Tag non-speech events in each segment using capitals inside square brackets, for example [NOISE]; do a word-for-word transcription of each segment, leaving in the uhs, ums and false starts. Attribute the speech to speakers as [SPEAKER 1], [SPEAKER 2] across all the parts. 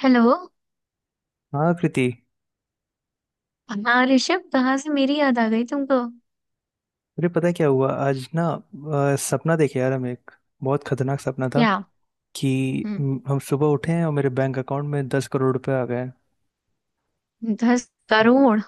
[SPEAKER 1] Hello.
[SPEAKER 2] हाँ कृति।
[SPEAKER 1] हाँ ऋषभ, कहाँ से मेरी याद आ गई तुमको?
[SPEAKER 2] अरे पता है क्या हुआ आज ना। अ, सपना देखे यार हम एक बहुत खतरनाक सपना था
[SPEAKER 1] क्या?
[SPEAKER 2] कि
[SPEAKER 1] हम्म।
[SPEAKER 2] म, हम सुबह उठे हैं और मेरे बैंक अकाउंट में दस करोड़ रुपए आ गए हैं।
[SPEAKER 1] दस करोड़?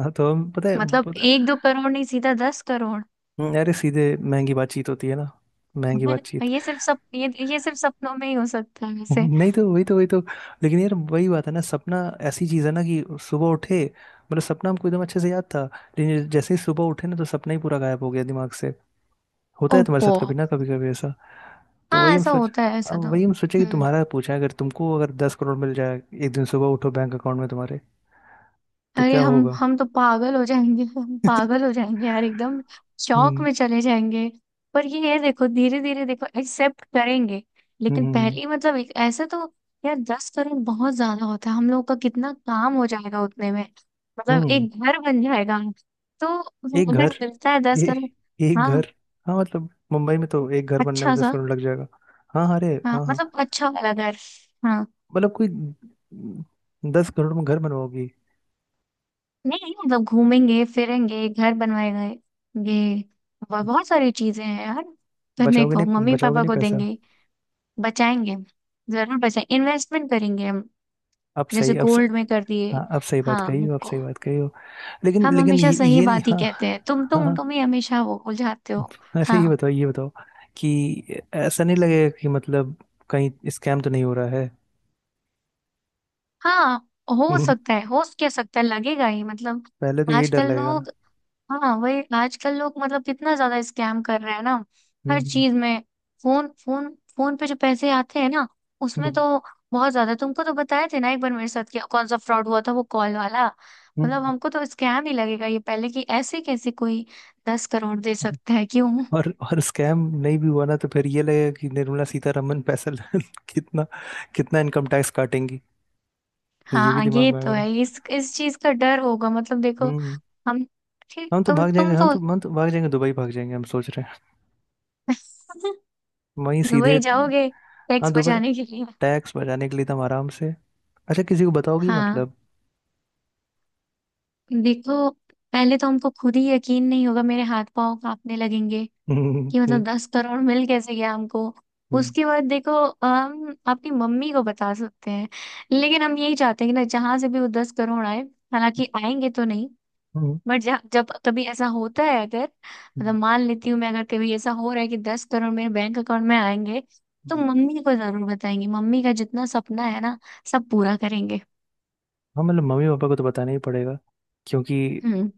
[SPEAKER 2] हाँ तो हम पता है।
[SPEAKER 1] मतलब
[SPEAKER 2] पता,
[SPEAKER 1] एक दो करोड़ नहीं, सीधा दस करोड़।
[SPEAKER 2] हम्म, अरे सीधे महंगी बातचीत होती है ना। महंगी
[SPEAKER 1] [LAUGHS]
[SPEAKER 2] बातचीत।
[SPEAKER 1] ये सिर्फ सप ये ये सिर्फ सपनों में ही हो सकता है
[SPEAKER 2] [LAUGHS]
[SPEAKER 1] वैसे।
[SPEAKER 2] नहीं तो वही तो वही तो लेकिन यार वही बात है ना, सपना ऐसी चीज है ना कि सुबह उठे मतलब सपना हमको एकदम अच्छे से याद था, लेकिन जैसे ही सुबह उठे ना तो सपना ही पूरा गायब हो गया दिमाग से। होता है तुम्हारे
[SPEAKER 1] ओप्पो।
[SPEAKER 2] साथ कभी ना कभी कभी तो
[SPEAKER 1] हाँ,
[SPEAKER 2] वही हम
[SPEAKER 1] ऐसा
[SPEAKER 2] सोच।
[SPEAKER 1] होता है, ऐसा
[SPEAKER 2] अब
[SPEAKER 1] तो।
[SPEAKER 2] वही हम सोचे कि
[SPEAKER 1] हम्म।
[SPEAKER 2] तुम्हारा पूछा है, अगर तुमको अगर दस करोड़ मिल जाए, एक दिन सुबह उठो बैंक अकाउंट में तुम्हारे, तो
[SPEAKER 1] अरे
[SPEAKER 2] क्या
[SPEAKER 1] हम
[SPEAKER 2] होगा।
[SPEAKER 1] हम तो पागल हो जाएंगे, हम पागल हो
[SPEAKER 2] [LAUGHS]
[SPEAKER 1] जाएंगे यार एकदम। शौक
[SPEAKER 2] हम्म।
[SPEAKER 1] में चले जाएंगे। पर ये है, देखो धीरे धीरे देखो एक्सेप्ट करेंगे। लेकिन
[SPEAKER 2] हम्म।
[SPEAKER 1] पहली मतलब एक- ऐसे तो। यार दस करोड़ बहुत ज्यादा होता है, हम लोग का कितना काम हो जाएगा उतने में। मतलब
[SPEAKER 2] हम्म।
[SPEAKER 1] एक घर बन जाएगा। तो
[SPEAKER 2] एक
[SPEAKER 1] अगर
[SPEAKER 2] घर।
[SPEAKER 1] मिलता है दस
[SPEAKER 2] ए,
[SPEAKER 1] करोड़
[SPEAKER 2] एक
[SPEAKER 1] हाँ,
[SPEAKER 2] घर। हाँ मतलब मुंबई में तो एक घर बनने में
[SPEAKER 1] अच्छा
[SPEAKER 2] दस
[SPEAKER 1] सा।
[SPEAKER 2] करोड़ लग जाएगा। हाँ हाँ, अरे
[SPEAKER 1] हाँ
[SPEAKER 2] हाँ हाँ।
[SPEAKER 1] मतलब अच्छा वाला घर। हाँ।
[SPEAKER 2] मतलब कोई दस करोड़ में घर बनवाओगी।
[SPEAKER 1] नहीं मतलब घूमेंगे फिरेंगे, घर बनवाएंगे। ये ब- बहुत सारी चीजें हैं यार करने
[SPEAKER 2] बचाओगे
[SPEAKER 1] को,
[SPEAKER 2] नहीं,
[SPEAKER 1] मम्मी
[SPEAKER 2] बचाओगे
[SPEAKER 1] पापा
[SPEAKER 2] नहीं
[SPEAKER 1] को
[SPEAKER 2] पैसा।
[SPEAKER 1] देंगे। बचाएंगे। जरूर बचाएं, इन्वेस्टमेंट करेंगे हम।
[SPEAKER 2] अब
[SPEAKER 1] जैसे
[SPEAKER 2] सही अब स,
[SPEAKER 1] गोल्ड में कर दिए।
[SPEAKER 2] हाँ अब सही बात
[SPEAKER 1] हाँ
[SPEAKER 2] कही हो, अब
[SPEAKER 1] हमको।
[SPEAKER 2] सही बात कही हो। लेकिन
[SPEAKER 1] हम
[SPEAKER 2] लेकिन
[SPEAKER 1] हमेशा
[SPEAKER 2] ये
[SPEAKER 1] सही
[SPEAKER 2] ये नहीं
[SPEAKER 1] बात ही
[SPEAKER 2] हाँ।
[SPEAKER 1] कहते हैं, तुम तुम
[SPEAKER 2] हाँ।
[SPEAKER 1] तुम ही हमेशा वो उलझाते हो।
[SPEAKER 2] अच्छा ये
[SPEAKER 1] हाँ
[SPEAKER 2] बताओ, ये बताओ कि ऐसा नहीं लगेगा कि मतलब कहीं स्कैम तो नहीं हो रहा है।
[SPEAKER 1] हाँ। हो
[SPEAKER 2] हम्म,
[SPEAKER 1] सकता है, हो क्या सकता है, लगेगा ही मतलब।
[SPEAKER 2] पहले तो यही डर
[SPEAKER 1] आजकल
[SPEAKER 2] लगेगा ना।
[SPEAKER 1] लोग। हाँ, वही आजकल लोग मतलब कितना ज्यादा स्कैम कर रहे हैं ना। हर
[SPEAKER 2] हम्म।
[SPEAKER 1] चीज में। फोन फोन फोन पे जो पैसे आते हैं ना उसमें
[SPEAKER 2] हम्म।
[SPEAKER 1] तो बहुत ज्यादा। तुमको तो बताए थे ना एक बार, मेरे साथ क्या कौन सा फ्रॉड हुआ था, वो कॉल वाला। मतलब
[SPEAKER 2] हम्म।
[SPEAKER 1] हमको तो स्कैम ही लगेगा ये पहले, कि ऐसे कैसे कोई दस करोड़ दे सकता है, क्यों?
[SPEAKER 2] और और स्कैम नहीं भी हुआ ना तो फिर ये लगेगा कि निर्मला सीतारमन पैसा ल- [LAUGHS] कितना कितना इनकम टैक्स काटेंगी। ये भी
[SPEAKER 1] हाँ
[SPEAKER 2] दिमाग
[SPEAKER 1] ये
[SPEAKER 2] में
[SPEAKER 1] तो
[SPEAKER 2] आएगा ना।
[SPEAKER 1] है, इस इस चीज का डर होगा मतलब देखो।
[SPEAKER 2] हम्म।
[SPEAKER 1] हम। ठीक,
[SPEAKER 2] हम तो
[SPEAKER 1] तुम
[SPEAKER 2] भाग जाएंगे,
[SPEAKER 1] तुम
[SPEAKER 2] हम
[SPEAKER 1] तो।
[SPEAKER 2] तो हम तो भाग जाएंगे, दुबई भाग जाएंगे हम सोच रहे हैं,
[SPEAKER 1] [LAUGHS]
[SPEAKER 2] वहीं सीधे।
[SPEAKER 1] दुबई जाओगे,
[SPEAKER 2] हाँ
[SPEAKER 1] टैक्स
[SPEAKER 2] दुबई,
[SPEAKER 1] बचाने के लिए?
[SPEAKER 2] टैक्स बचाने के लिए तो हम आराम से। अच्छा किसी को बताओगी
[SPEAKER 1] हाँ
[SPEAKER 2] मतलब।
[SPEAKER 1] देखो, पहले तो हमको खुद ही यकीन नहीं होगा, मेरे हाथ पांव कांपने लगेंगे
[SPEAKER 2] हम्म।
[SPEAKER 1] कि
[SPEAKER 2] हम्म।
[SPEAKER 1] मतलब दस करोड़ मिल कैसे गया हमको।
[SPEAKER 2] हम्म।
[SPEAKER 1] उसके बाद देखो, हम अपनी मम्मी को बता सकते हैं। लेकिन हम यही चाहते हैं कि ना जहां से भी वो दस करोड़ आए,
[SPEAKER 2] हम्म।
[SPEAKER 1] हालांकि आएंगे तो नहीं।
[SPEAKER 2] हम्म,
[SPEAKER 1] बट जब कभी ऐसा होता है, अगर मतलब
[SPEAKER 2] हम्म,
[SPEAKER 1] मान लेती हूँ मैं, अगर कभी ऐसा हो रहा है कि दस करोड़ मेरे बैंक अकाउंट में आएंगे, तो
[SPEAKER 2] हम्म।
[SPEAKER 1] मम्मी को जरूर बताएंगे। मम्मी का जितना सपना है ना, सब पूरा करेंगे।
[SPEAKER 2] हाँ मतलब मम्मी पापा को तो बताना ही पड़ेगा, क्योंकि
[SPEAKER 1] हम्म।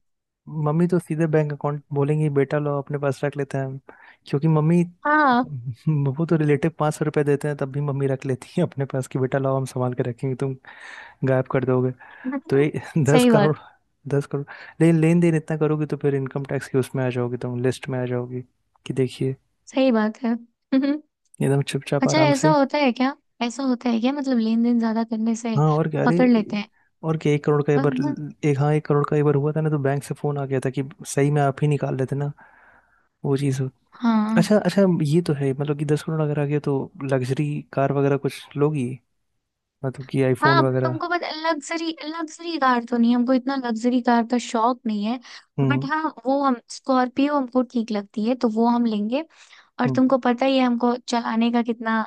[SPEAKER 2] मम्मी तो सीधे बैंक अकाउंट बोलेंगी बेटा लो अपने पास रख लेते हैं हम, क्योंकि मम्मी को
[SPEAKER 1] हाँ।
[SPEAKER 2] तो वो तो रिलेटिव पाँच सौ रुपये देते हैं तब भी मम्मी रख लेती है अपने पास कि बेटा लाओ हम संभाल के रखेंगे। तुम गायब कर दोगे। तो
[SPEAKER 1] [LAUGHS]
[SPEAKER 2] ये [LAUGHS] दस
[SPEAKER 1] सही बात
[SPEAKER 2] करोड़ दस करोड़ लेकिन लेन देन इतना करोगी तो फिर इनकम टैक्स की उसमें आ जाओगी, तुम लिस्ट में आ जाओगी कि देखिए,
[SPEAKER 1] सही बात है। [LAUGHS]
[SPEAKER 2] एकदम चुपचाप
[SPEAKER 1] अच्छा,
[SPEAKER 2] आराम
[SPEAKER 1] ऐसा
[SPEAKER 2] से।
[SPEAKER 1] होता है क्या? ऐसा होता है क्या, मतलब लेन देन ज्यादा करने से
[SPEAKER 2] हाँ और क्या। अरे
[SPEAKER 1] पकड़ लेते हैं?
[SPEAKER 2] और क्या, एक करोड़ का एक बार,
[SPEAKER 1] पर-
[SPEAKER 2] एक हाँ एक करोड़ का एक बार हुआ था ना तो बैंक से फोन आ गया था कि सही में आप ही निकाल लेते ना, वो चीज़ हो।
[SPEAKER 1] हाँ।
[SPEAKER 2] अच्छा अच्छा, ये तो है मतलब कि दस करोड़ अगर आ गया तो लग्जरी कार वगैरह कुछ लोगी, मतलब कि आईफोन
[SPEAKER 1] हाँ,
[SPEAKER 2] वगैरह।
[SPEAKER 1] तुमको पता, लग्जरी लग्जरी कार तो नहीं, हमको इतना लग्जरी कार का शौक नहीं है। बट
[SPEAKER 2] हम्म।
[SPEAKER 1] हाँ वो, हम स्कॉर्पियो हमको ठीक लगती है तो वो हम लेंगे। और
[SPEAKER 2] हम्म।
[SPEAKER 1] तुमको पता ही है, हमको चलाने का कितना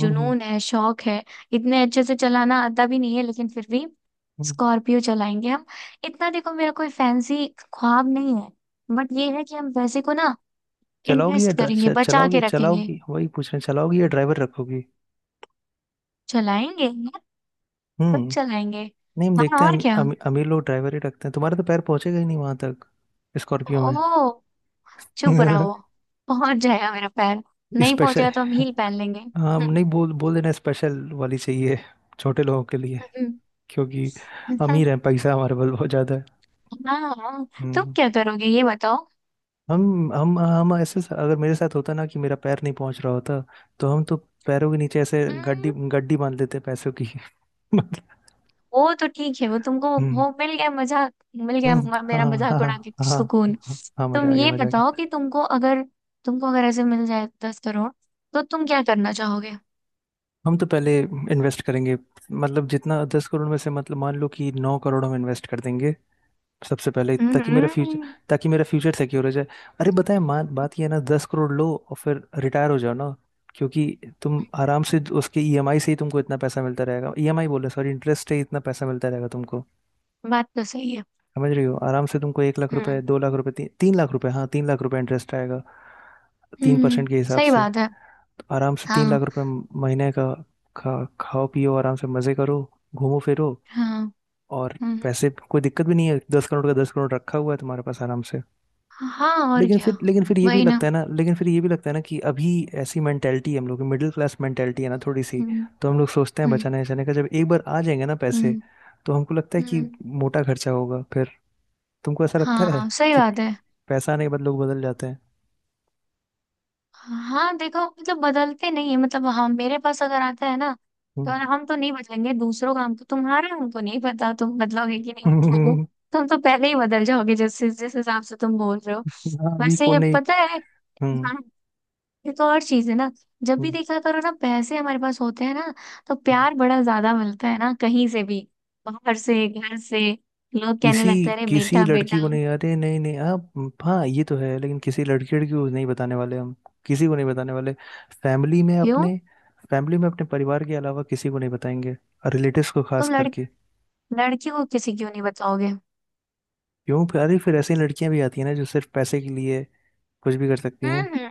[SPEAKER 2] हम्म, हम्म,
[SPEAKER 1] है, शौक है। इतने अच्छे से चलाना आता भी नहीं है, लेकिन फिर भी
[SPEAKER 2] हम्म।
[SPEAKER 1] स्कॉर्पियो चलाएंगे हम। इतना देखो, मेरा कोई फैंसी ख्वाब नहीं है। बट ये है कि हम पैसे को ना
[SPEAKER 2] चलाओगी या
[SPEAKER 1] इन्वेस्ट
[SPEAKER 2] ड्रा-
[SPEAKER 1] करेंगे,
[SPEAKER 2] च-
[SPEAKER 1] बचा
[SPEAKER 2] चलाओगी,
[SPEAKER 1] के रखेंगे।
[SPEAKER 2] चलाओगी वही पूछ रहे हैं, चलाओगी या ड्राइवर रखोगी।
[SPEAKER 1] चलाएंगे यार। सब
[SPEAKER 2] हम्म।
[SPEAKER 1] चलाएंगे।
[SPEAKER 2] नहीं हम
[SPEAKER 1] हाँ,
[SPEAKER 2] देखते हैं
[SPEAKER 1] और
[SPEAKER 2] अमी,
[SPEAKER 1] क्या।
[SPEAKER 2] अमी, अमीर लोग ड्राइवर ही रखते हैं, तुम्हारे तो पैर पहुंचेगा ही नहीं वहां तक स्कॉर्पियो में।
[SPEAKER 1] ओ चुप रहो।
[SPEAKER 2] [LAUGHS]
[SPEAKER 1] पहुंच जाएगा मेरा पैर। नहीं
[SPEAKER 2] स्पेशल,
[SPEAKER 1] पहुंचेगा तो हम हील पहन लेंगे।
[SPEAKER 2] हाँ नहीं बोल बोल देना स्पेशल वाली चाहिए, छोटे लोगों के लिए,
[SPEAKER 1] [LAUGHS]
[SPEAKER 2] क्योंकि अमीर हैं, पैसा हमारे पास बहुत ज़्यादा है।
[SPEAKER 1] हाँ। तुम
[SPEAKER 2] हम्म।
[SPEAKER 1] क्या करोगे, ये बताओ।
[SPEAKER 2] हम हम हम ऐसे अगर मेरे साथ होता ना कि मेरा पैर नहीं पहुंच रहा होता, तो हम तो पैरों के नीचे ऐसे गड्डी
[SPEAKER 1] हम्म,
[SPEAKER 2] गड्डी बांध लेते पैसों की। [LAUGHS]
[SPEAKER 1] वो तो ठीक है वो, तुमको
[SPEAKER 2] हम्म
[SPEAKER 1] वो मिल गया मजाक, मिल गया
[SPEAKER 2] हम्म,
[SPEAKER 1] म-
[SPEAKER 2] हाँ।
[SPEAKER 1] मेरा
[SPEAKER 2] हाँ
[SPEAKER 1] मजाक उड़ा के कुछ
[SPEAKER 2] हाँ
[SPEAKER 1] सुकून।
[SPEAKER 2] हाँ, हाँ मजा
[SPEAKER 1] तुम
[SPEAKER 2] आ गया,
[SPEAKER 1] ये
[SPEAKER 2] मजा आ
[SPEAKER 1] बताओ
[SPEAKER 2] गया।
[SPEAKER 1] कि तुमको अगर तुमको अगर ऐसे मिल जाए दस करोड़, तो तुम क्या करना चाहोगे?
[SPEAKER 2] हम तो पहले इन्वेस्ट करेंगे, मतलब जितना दस करोड़ में से मतलब मान लो कि नौ करोड़ हम इन्वेस्ट कर देंगे सबसे पहले, ताकि मेरा फ्यूचर,
[SPEAKER 1] हम्म।
[SPEAKER 2] ताकि मेरा फ्यूचर सिक्योर हो जाए। अरे बताए मान, बात ये है ना दस करोड़ लो और फिर रिटायर हो जाओ ना, क्योंकि तुम आराम से उसके ई एम आई से ही तुमको इतना पैसा मिलता रहेगा, ईएमआई बोले सॉरी इंटरेस्ट से ही इतना पैसा मिलता रहेगा तुमको।
[SPEAKER 1] बात तो सही है।
[SPEAKER 2] समझ रही हो, आराम से तुमको एक लाख रुपए,
[SPEAKER 1] हम्म
[SPEAKER 2] दो लाख रुपए, ती, तीन लाख रुपए, हाँ तीन लाख रुपए इंटरेस्ट आएगा। तीन
[SPEAKER 1] हम्म।
[SPEAKER 2] परसेंट के हिसाब
[SPEAKER 1] सही
[SPEAKER 2] से
[SPEAKER 1] बात है।
[SPEAKER 2] तो आराम से तीन
[SPEAKER 1] हाँ।
[SPEAKER 2] लाख रुपए महीने का। खा खाओ पियो आराम से, मजे करो, घूमो फिरो,
[SPEAKER 1] हाँ
[SPEAKER 2] और
[SPEAKER 1] हम्म।
[SPEAKER 2] पैसे कोई दिक्कत भी नहीं है, दस करोड़ का दस करोड़ रखा हुआ है तुम्हारे पास आराम से।
[SPEAKER 1] हाँ, और
[SPEAKER 2] लेकिन फिर
[SPEAKER 1] क्या।
[SPEAKER 2] लेकिन फिर ये भी
[SPEAKER 1] वही ना।
[SPEAKER 2] लगता है ना, लेकिन फिर ये भी लगता है ना कि अभी ऐसी मेंटेलिटी हम लोग की, मिडिल क्लास मेंटेलिटी है ना थोड़ी सी,
[SPEAKER 1] हम्म।
[SPEAKER 2] तो हम लोग सोचते हैं
[SPEAKER 1] हम्म।
[SPEAKER 2] बचाने बचाने का। जब एक बार आ जाएंगे ना पैसे
[SPEAKER 1] हम्म।
[SPEAKER 2] तो हमको लगता है कि
[SPEAKER 1] हम्म।
[SPEAKER 2] मोटा खर्चा होगा फिर। तुमको ऐसा लगता है
[SPEAKER 1] हाँ, सही
[SPEAKER 2] कि
[SPEAKER 1] बात है।
[SPEAKER 2] पैसा आने के बाद लोग बदल जाते हैं।
[SPEAKER 1] हाँ देखो, मतलब बदलते नहीं है मतलब, हम मेरे पास अगर आता है ना तो
[SPEAKER 2] हम्म।
[SPEAKER 1] हम तो नहीं बदलेंगे, दूसरों का हमको, तुम्हारा हमको नहीं पता, तुम बदलोगे कि नहीं बदलोगे।
[SPEAKER 2] [LAUGHS]
[SPEAKER 1] तुम तो पहले ही बदल जाओगे, जैसे जिस हिसाब से तुम बोल रहे हो।
[SPEAKER 2] हाँ अभी
[SPEAKER 1] वैसे,
[SPEAKER 2] कौन
[SPEAKER 1] ये
[SPEAKER 2] नहीं।
[SPEAKER 1] पता है।
[SPEAKER 2] हम्म।
[SPEAKER 1] हाँ। ये तो और चीज है ना। जब भी
[SPEAKER 2] हम्म,
[SPEAKER 1] देखा करो ना, पैसे हमारे पास होते हैं ना तो
[SPEAKER 2] हम्म।
[SPEAKER 1] प्यार बड़ा ज्यादा मिलता है ना, कहीं से भी। बाहर से, घर से, लोग कहने
[SPEAKER 2] किसी
[SPEAKER 1] लगते हैं अरे
[SPEAKER 2] किसी
[SPEAKER 1] बेटा
[SPEAKER 2] लड़की
[SPEAKER 1] बेटा।
[SPEAKER 2] को नहीं, अरे नहीं नहीं आप हाँ ये तो है, लेकिन किसी लड़की लड़की को नहीं बताने वाले हम, किसी को नहीं बताने वाले, फैमिली में
[SPEAKER 1] क्यों?
[SPEAKER 2] अपने, फैमिली में अपने परिवार के अलावा किसी को नहीं बताएंगे, और रिलेटिव्स को खास
[SPEAKER 1] तुम लड़
[SPEAKER 2] करके।
[SPEAKER 1] लड़की को किसी क्यों नहीं बताओगे?
[SPEAKER 2] क्यों फिर, अरे फिर ऐसी लड़कियां भी आती हैं ना जो सिर्फ पैसे के लिए कुछ भी कर सकती हैं।
[SPEAKER 1] हम्म।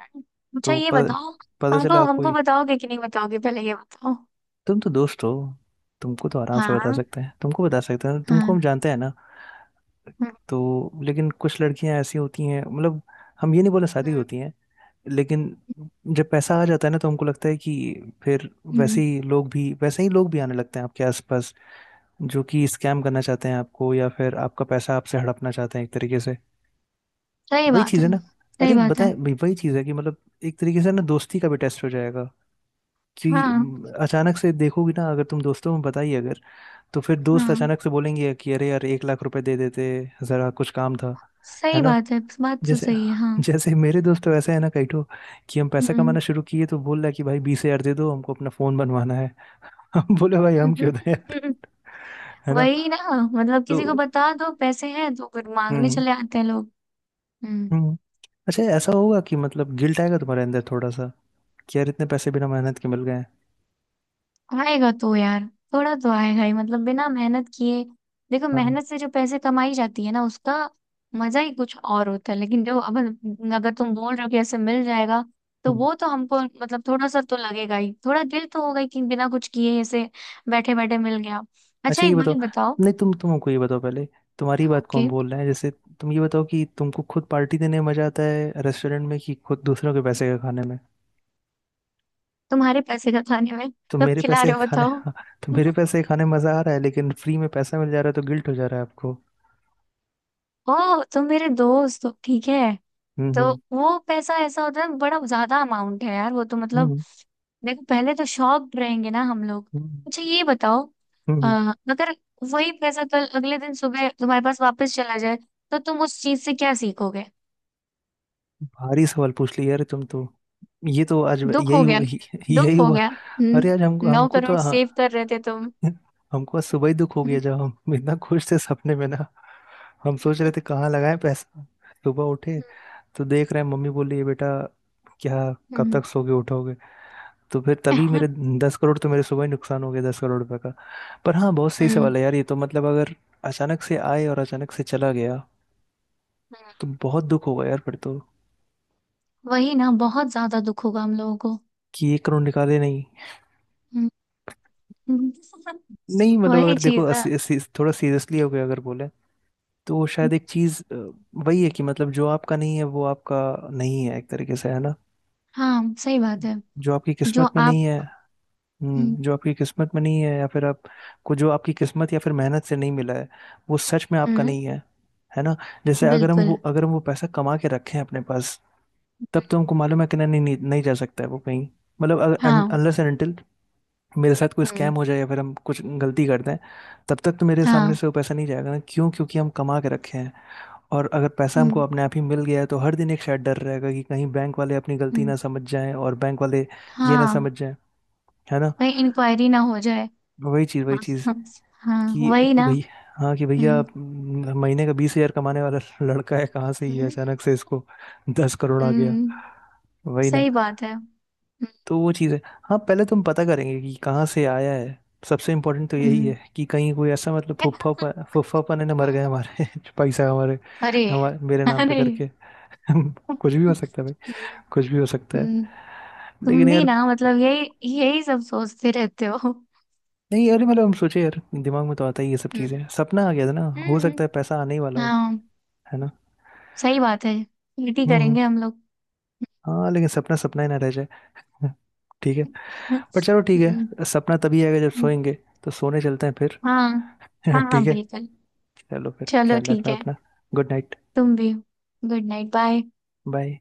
[SPEAKER 1] अच्छा
[SPEAKER 2] तो
[SPEAKER 1] ये
[SPEAKER 2] प,
[SPEAKER 1] बताओ।
[SPEAKER 2] पता
[SPEAKER 1] हमको
[SPEAKER 2] चला
[SPEAKER 1] हमको
[SPEAKER 2] कोई।
[SPEAKER 1] बताओगे कि नहीं बताओगे, पहले ये बताओ।
[SPEAKER 2] तुम तो दोस्त हो, तुमको तो आराम से बता
[SPEAKER 1] हाँ।
[SPEAKER 2] सकते हैं, तुमको बता सकते हैं, तुमको
[SPEAKER 1] हाँ।
[SPEAKER 2] हम जानते हैं ना।
[SPEAKER 1] हम्म।
[SPEAKER 2] तो लेकिन कुछ लड़कियां ऐसी होती हैं, मतलब हम ये नहीं बोले शादी
[SPEAKER 1] हम्म।
[SPEAKER 2] होती हैं, लेकिन जब पैसा आ जाता है ना तो हमको लगता है कि फिर वैसे
[SPEAKER 1] हम्म,
[SPEAKER 2] ही लोग भी, वैसे ही लोग भी आने लगते हैं आपके आसपास, जो कि स्कैम करना चाहते हैं आपको, या फिर आपका पैसा आपसे हड़पना चाहते हैं एक तरीके से।
[SPEAKER 1] सही
[SPEAKER 2] वही
[SPEAKER 1] बात
[SPEAKER 2] चीज़ है
[SPEAKER 1] है,
[SPEAKER 2] ना,
[SPEAKER 1] सही
[SPEAKER 2] अरे
[SPEAKER 1] बात है।
[SPEAKER 2] बताएं भाई वही चीज़ है, कि मतलब एक तरीके से ना दोस्ती का भी टेस्ट हो जाएगा, कि
[SPEAKER 1] हाँ।
[SPEAKER 2] म, अचानक से देखोगी ना अगर तुम दोस्तों में बताई अगर, तो फिर दोस्त
[SPEAKER 1] हाँ,
[SPEAKER 2] अचानक से बोलेंगे कि अरे यार एक लाख रुपए दे देते ज़रा, कुछ काम था, है
[SPEAKER 1] सही
[SPEAKER 2] ना।
[SPEAKER 1] बात है, बात तो
[SPEAKER 2] जैसे
[SPEAKER 1] सही है, हाँ।
[SPEAKER 2] जैसे मेरे दोस्त तो ऐसे है ना कैठो कि हम पैसा
[SPEAKER 1] हम्म।
[SPEAKER 2] कमाना शुरू किए तो बोल रहा है कि भाई बीस हजार दे दो हमको अपना फोन बनवाना है। [LAUGHS] हम बोले भाई
[SPEAKER 1] [LAUGHS]
[SPEAKER 2] हम क्यों दें यार,
[SPEAKER 1] हम्म।
[SPEAKER 2] है ना।
[SPEAKER 1] वही ना। मतलब किसी को
[SPEAKER 2] तो
[SPEAKER 1] बता दो पैसे हैं तो फिर मांगने
[SPEAKER 2] हम्म।
[SPEAKER 1] चले आते हैं लोग। हम्म।
[SPEAKER 2] हम्म। अच्छा ऐसा होगा कि मतलब गिल्ट आएगा तुम्हारे अंदर थोड़ा सा, कि यार इतने पैसे बिना मेहनत के मिल गए हैं।
[SPEAKER 1] आएगा तो यार, थोड़ा तो आएगा ही, मतलब बिना मेहनत किए। देखो,
[SPEAKER 2] हाँ।
[SPEAKER 1] मेहनत से जो पैसे कमाई जाती है ना, उसका मजा ही कुछ और होता है। लेकिन जो अब, अगर तुम बोल रहे हो कि ऐसे मिल जाएगा, तो
[SPEAKER 2] हम्म।
[SPEAKER 1] वो तो हमको मतलब थोड़ा सा तो लगेगा ही, थोड़ा दिल तो होगा ही कि बिना कुछ किए ऐसे बैठे बैठे मिल गया। अच्छा
[SPEAKER 2] अच्छा ये
[SPEAKER 1] एक
[SPEAKER 2] बताओ,
[SPEAKER 1] बात बताओ।
[SPEAKER 2] नहीं तुम तुम हमको ये बताओ पहले, तुम्हारी बात को
[SPEAKER 1] ओके।
[SPEAKER 2] हम बोल रहे हैं जैसे, तुम ये बताओ कि तुमको खुद पार्टी देने में मजा आता है रेस्टोरेंट में, कि खुद दूसरों के पैसे का खाने में।
[SPEAKER 1] तुम्हारे पैसे का खाने में
[SPEAKER 2] तो
[SPEAKER 1] कब
[SPEAKER 2] मेरे
[SPEAKER 1] खिला
[SPEAKER 2] पैसे
[SPEAKER 1] रहे हो,
[SPEAKER 2] खाने,
[SPEAKER 1] बताओ?
[SPEAKER 2] हाँ, तो मेरे
[SPEAKER 1] [LAUGHS]
[SPEAKER 2] पैसे खाने मजा आ रहा है, लेकिन फ्री में पैसा मिल जा रहा है तो गिल्ट हो जा रहा है आपको।
[SPEAKER 1] ओ, तुम मेरे दोस्त हो, ठीक है।
[SPEAKER 2] हम्म।
[SPEAKER 1] तो
[SPEAKER 2] हम्म।
[SPEAKER 1] वो पैसा ऐसा होता है, बड़ा ज्यादा अमाउंट है यार वो तो मतलब,
[SPEAKER 2] हम्म।
[SPEAKER 1] देखो पहले तो शॉप रहेंगे ना हम लोग।
[SPEAKER 2] हम्म।
[SPEAKER 1] अच्छा
[SPEAKER 2] हम्म।
[SPEAKER 1] ये बताओ।
[SPEAKER 2] हम्म,
[SPEAKER 1] अ,
[SPEAKER 2] हम्म।
[SPEAKER 1] अगर वही पैसा कल अगले दिन सुबह तुम्हारे पास वापस चला जाए, तो तुम उस चीज से क्या सीखोगे?
[SPEAKER 2] भारी सवाल पूछ लिया यार तुम तो, ये तो आज
[SPEAKER 1] दुख
[SPEAKER 2] यही
[SPEAKER 1] हो गया
[SPEAKER 2] हुआ,
[SPEAKER 1] ना।
[SPEAKER 2] यही
[SPEAKER 1] दुख हो
[SPEAKER 2] हुआ।
[SPEAKER 1] गया,
[SPEAKER 2] अरे आज हमको
[SPEAKER 1] हम्म नौ
[SPEAKER 2] हमको तो
[SPEAKER 1] करोड़
[SPEAKER 2] हाँ,
[SPEAKER 1] सेव कर रहे थे तुम।
[SPEAKER 2] हमको आज सुबह ही दुख हो गया जब
[SPEAKER 1] [LAUGHS]
[SPEAKER 2] हम इतना खुश थे सपने में ना, हम सोच
[SPEAKER 1] हम्म
[SPEAKER 2] रहे थे कहाँ लगाएं पैसा। सुबह उठे तो देख रहे हैं मम्मी बोल रही है बेटा क्या कब तक सोगे, उठोगे। तो फिर तभी
[SPEAKER 1] हम्म,
[SPEAKER 2] मेरे दस करोड़ तो मेरे सुबह ही नुकसान हो गया, दस करोड़ रुपए। पर हाँ, बहुत सही
[SPEAKER 1] हम्म,
[SPEAKER 2] सवाल है यार, ये तो मतलब अगर अचानक से आए और अचानक से चला गया तो बहुत दुख होगा यार फिर तो,
[SPEAKER 1] वही ना, बहुत ज्यादा दुख होगा हम लोगों को।
[SPEAKER 2] कि एक करोड़ निकाले नहीं।
[SPEAKER 1] हम्म,
[SPEAKER 2] नहीं मतलब
[SPEAKER 1] वही
[SPEAKER 2] अगर देखो
[SPEAKER 1] चीज ना।
[SPEAKER 2] असी, असी, थोड़ा सीरियसली हो गया अगर बोले, तो वो शायद एक चीज वही है कि मतलब जो आपका नहीं है वो आपका नहीं है एक तरीके से, है ना।
[SPEAKER 1] हाँ, सही बात है।
[SPEAKER 2] जो आपकी
[SPEAKER 1] जो
[SPEAKER 2] किस्मत में
[SPEAKER 1] आप।
[SPEAKER 2] नहीं है।
[SPEAKER 1] हम्म।
[SPEAKER 2] हम्म, जो आपकी किस्मत में नहीं है, या फिर आप को जो आपकी किस्मत या फिर मेहनत से नहीं मिला है, वो सच में आपका
[SPEAKER 1] हम्म।
[SPEAKER 2] नहीं है, है ना। जैसे अगर हम वो,
[SPEAKER 1] बिल्कुल।
[SPEAKER 2] अगर हम वो पैसा कमा के रखें अपने पास, तब तो हमको मालूम है कि नहीं नहीं, नहीं जा सकता है वो कहीं, मतलब
[SPEAKER 1] हाँ।
[SPEAKER 2] अनलेस एंड अनटिल मेरे साथ कोई स्कैम
[SPEAKER 1] हम्म।
[SPEAKER 2] हो जाए या फिर हम कुछ गलती कर दें, तब तक तो मेरे सामने
[SPEAKER 1] हाँ।
[SPEAKER 2] से वो पैसा नहीं जाएगा ना, क्यों, क्योंकि हम कमा के रखे हैं। और अगर पैसा हमको
[SPEAKER 1] हम्म।
[SPEAKER 2] अपने आप ही मिल गया है तो हर दिन एक शायद डर रहेगा कि कहीं बैंक वाले अपनी गलती
[SPEAKER 1] हम्म।
[SPEAKER 2] ना समझ जाएं, और बैंक वाले ये ना
[SPEAKER 1] हाँ
[SPEAKER 2] समझ जाएं, है ना।
[SPEAKER 1] भाई, इंक्वायरी ना हो जाए।
[SPEAKER 2] वही चीज़ वही
[SPEAKER 1] हाँ।
[SPEAKER 2] चीज़,
[SPEAKER 1] हाँ,
[SPEAKER 2] कि
[SPEAKER 1] वही
[SPEAKER 2] कि
[SPEAKER 1] ना।
[SPEAKER 2] भाई, हाँ कि भैया
[SPEAKER 1] हम्म।
[SPEAKER 2] हम्म, महीने का बीस हजार कमाने वाला लड़का है, कहाँ से ये
[SPEAKER 1] हम्म।
[SPEAKER 2] अचानक से इसको दस करोड़ आ गया।
[SPEAKER 1] हम्म,
[SPEAKER 2] वही ना।
[SPEAKER 1] सही बात है। हम्म।
[SPEAKER 2] तो वो चीज़ है, हाँ पहले तुम पता करेंगे कि कहाँ से आया है। सबसे इम्पोर्टेंट तो यही
[SPEAKER 1] हम्म,
[SPEAKER 2] है, कि कहीं कोई ऐसा मतलब फुफ्फा फुफ्फा पने ना मर गए हमारे [LAUGHS] जो पैसा हमारे
[SPEAKER 1] अरे।
[SPEAKER 2] हमारे मेरे नाम पे
[SPEAKER 1] अरे।
[SPEAKER 2] करके। [LAUGHS] कुछ भी हो
[SPEAKER 1] हम्म।
[SPEAKER 2] सकता है भाई, कुछ भी हो सकता है।
[SPEAKER 1] हम्म,
[SPEAKER 2] लेकिन
[SPEAKER 1] तुम भी
[SPEAKER 2] यार,
[SPEAKER 1] ना मतलब, यही यही सब सोचते रहते हो। हम्म।
[SPEAKER 2] नहीं यार, मतलब हम सोचे यार दिमाग में तो आता ही ये सब चीज़ें, सपना आ गया था ना,
[SPEAKER 1] हम्म।
[SPEAKER 2] हो सकता
[SPEAKER 1] हम्म।
[SPEAKER 2] है पैसा आने ही वाला हो,
[SPEAKER 1] हाँ,
[SPEAKER 2] है ना।
[SPEAKER 1] सही बात है, पीटी
[SPEAKER 2] हम्म। हम्म,
[SPEAKER 1] करेंगे हम लोग।
[SPEAKER 2] हाँ लेकिन सपना सपना ही ना रह जाए। [LAUGHS] हाँ, ठीक है। पर चलो ठीक
[SPEAKER 1] हम्म।
[SPEAKER 2] है, सपना तभी आएगा जब
[SPEAKER 1] हम्म।
[SPEAKER 2] सोएंगे, तो सोने चलते हैं फिर।
[SPEAKER 1] हाँ। हाँ
[SPEAKER 2] [LAUGHS]
[SPEAKER 1] हाँ,
[SPEAKER 2] ठीक है,
[SPEAKER 1] बिल्कुल।
[SPEAKER 2] चलो फिर
[SPEAKER 1] चलो
[SPEAKER 2] ख्याल
[SPEAKER 1] ठीक
[SPEAKER 2] रखना
[SPEAKER 1] है।
[SPEAKER 2] अपना। Good night.
[SPEAKER 1] तुम भी। Good night. बाय।
[SPEAKER 2] बाय।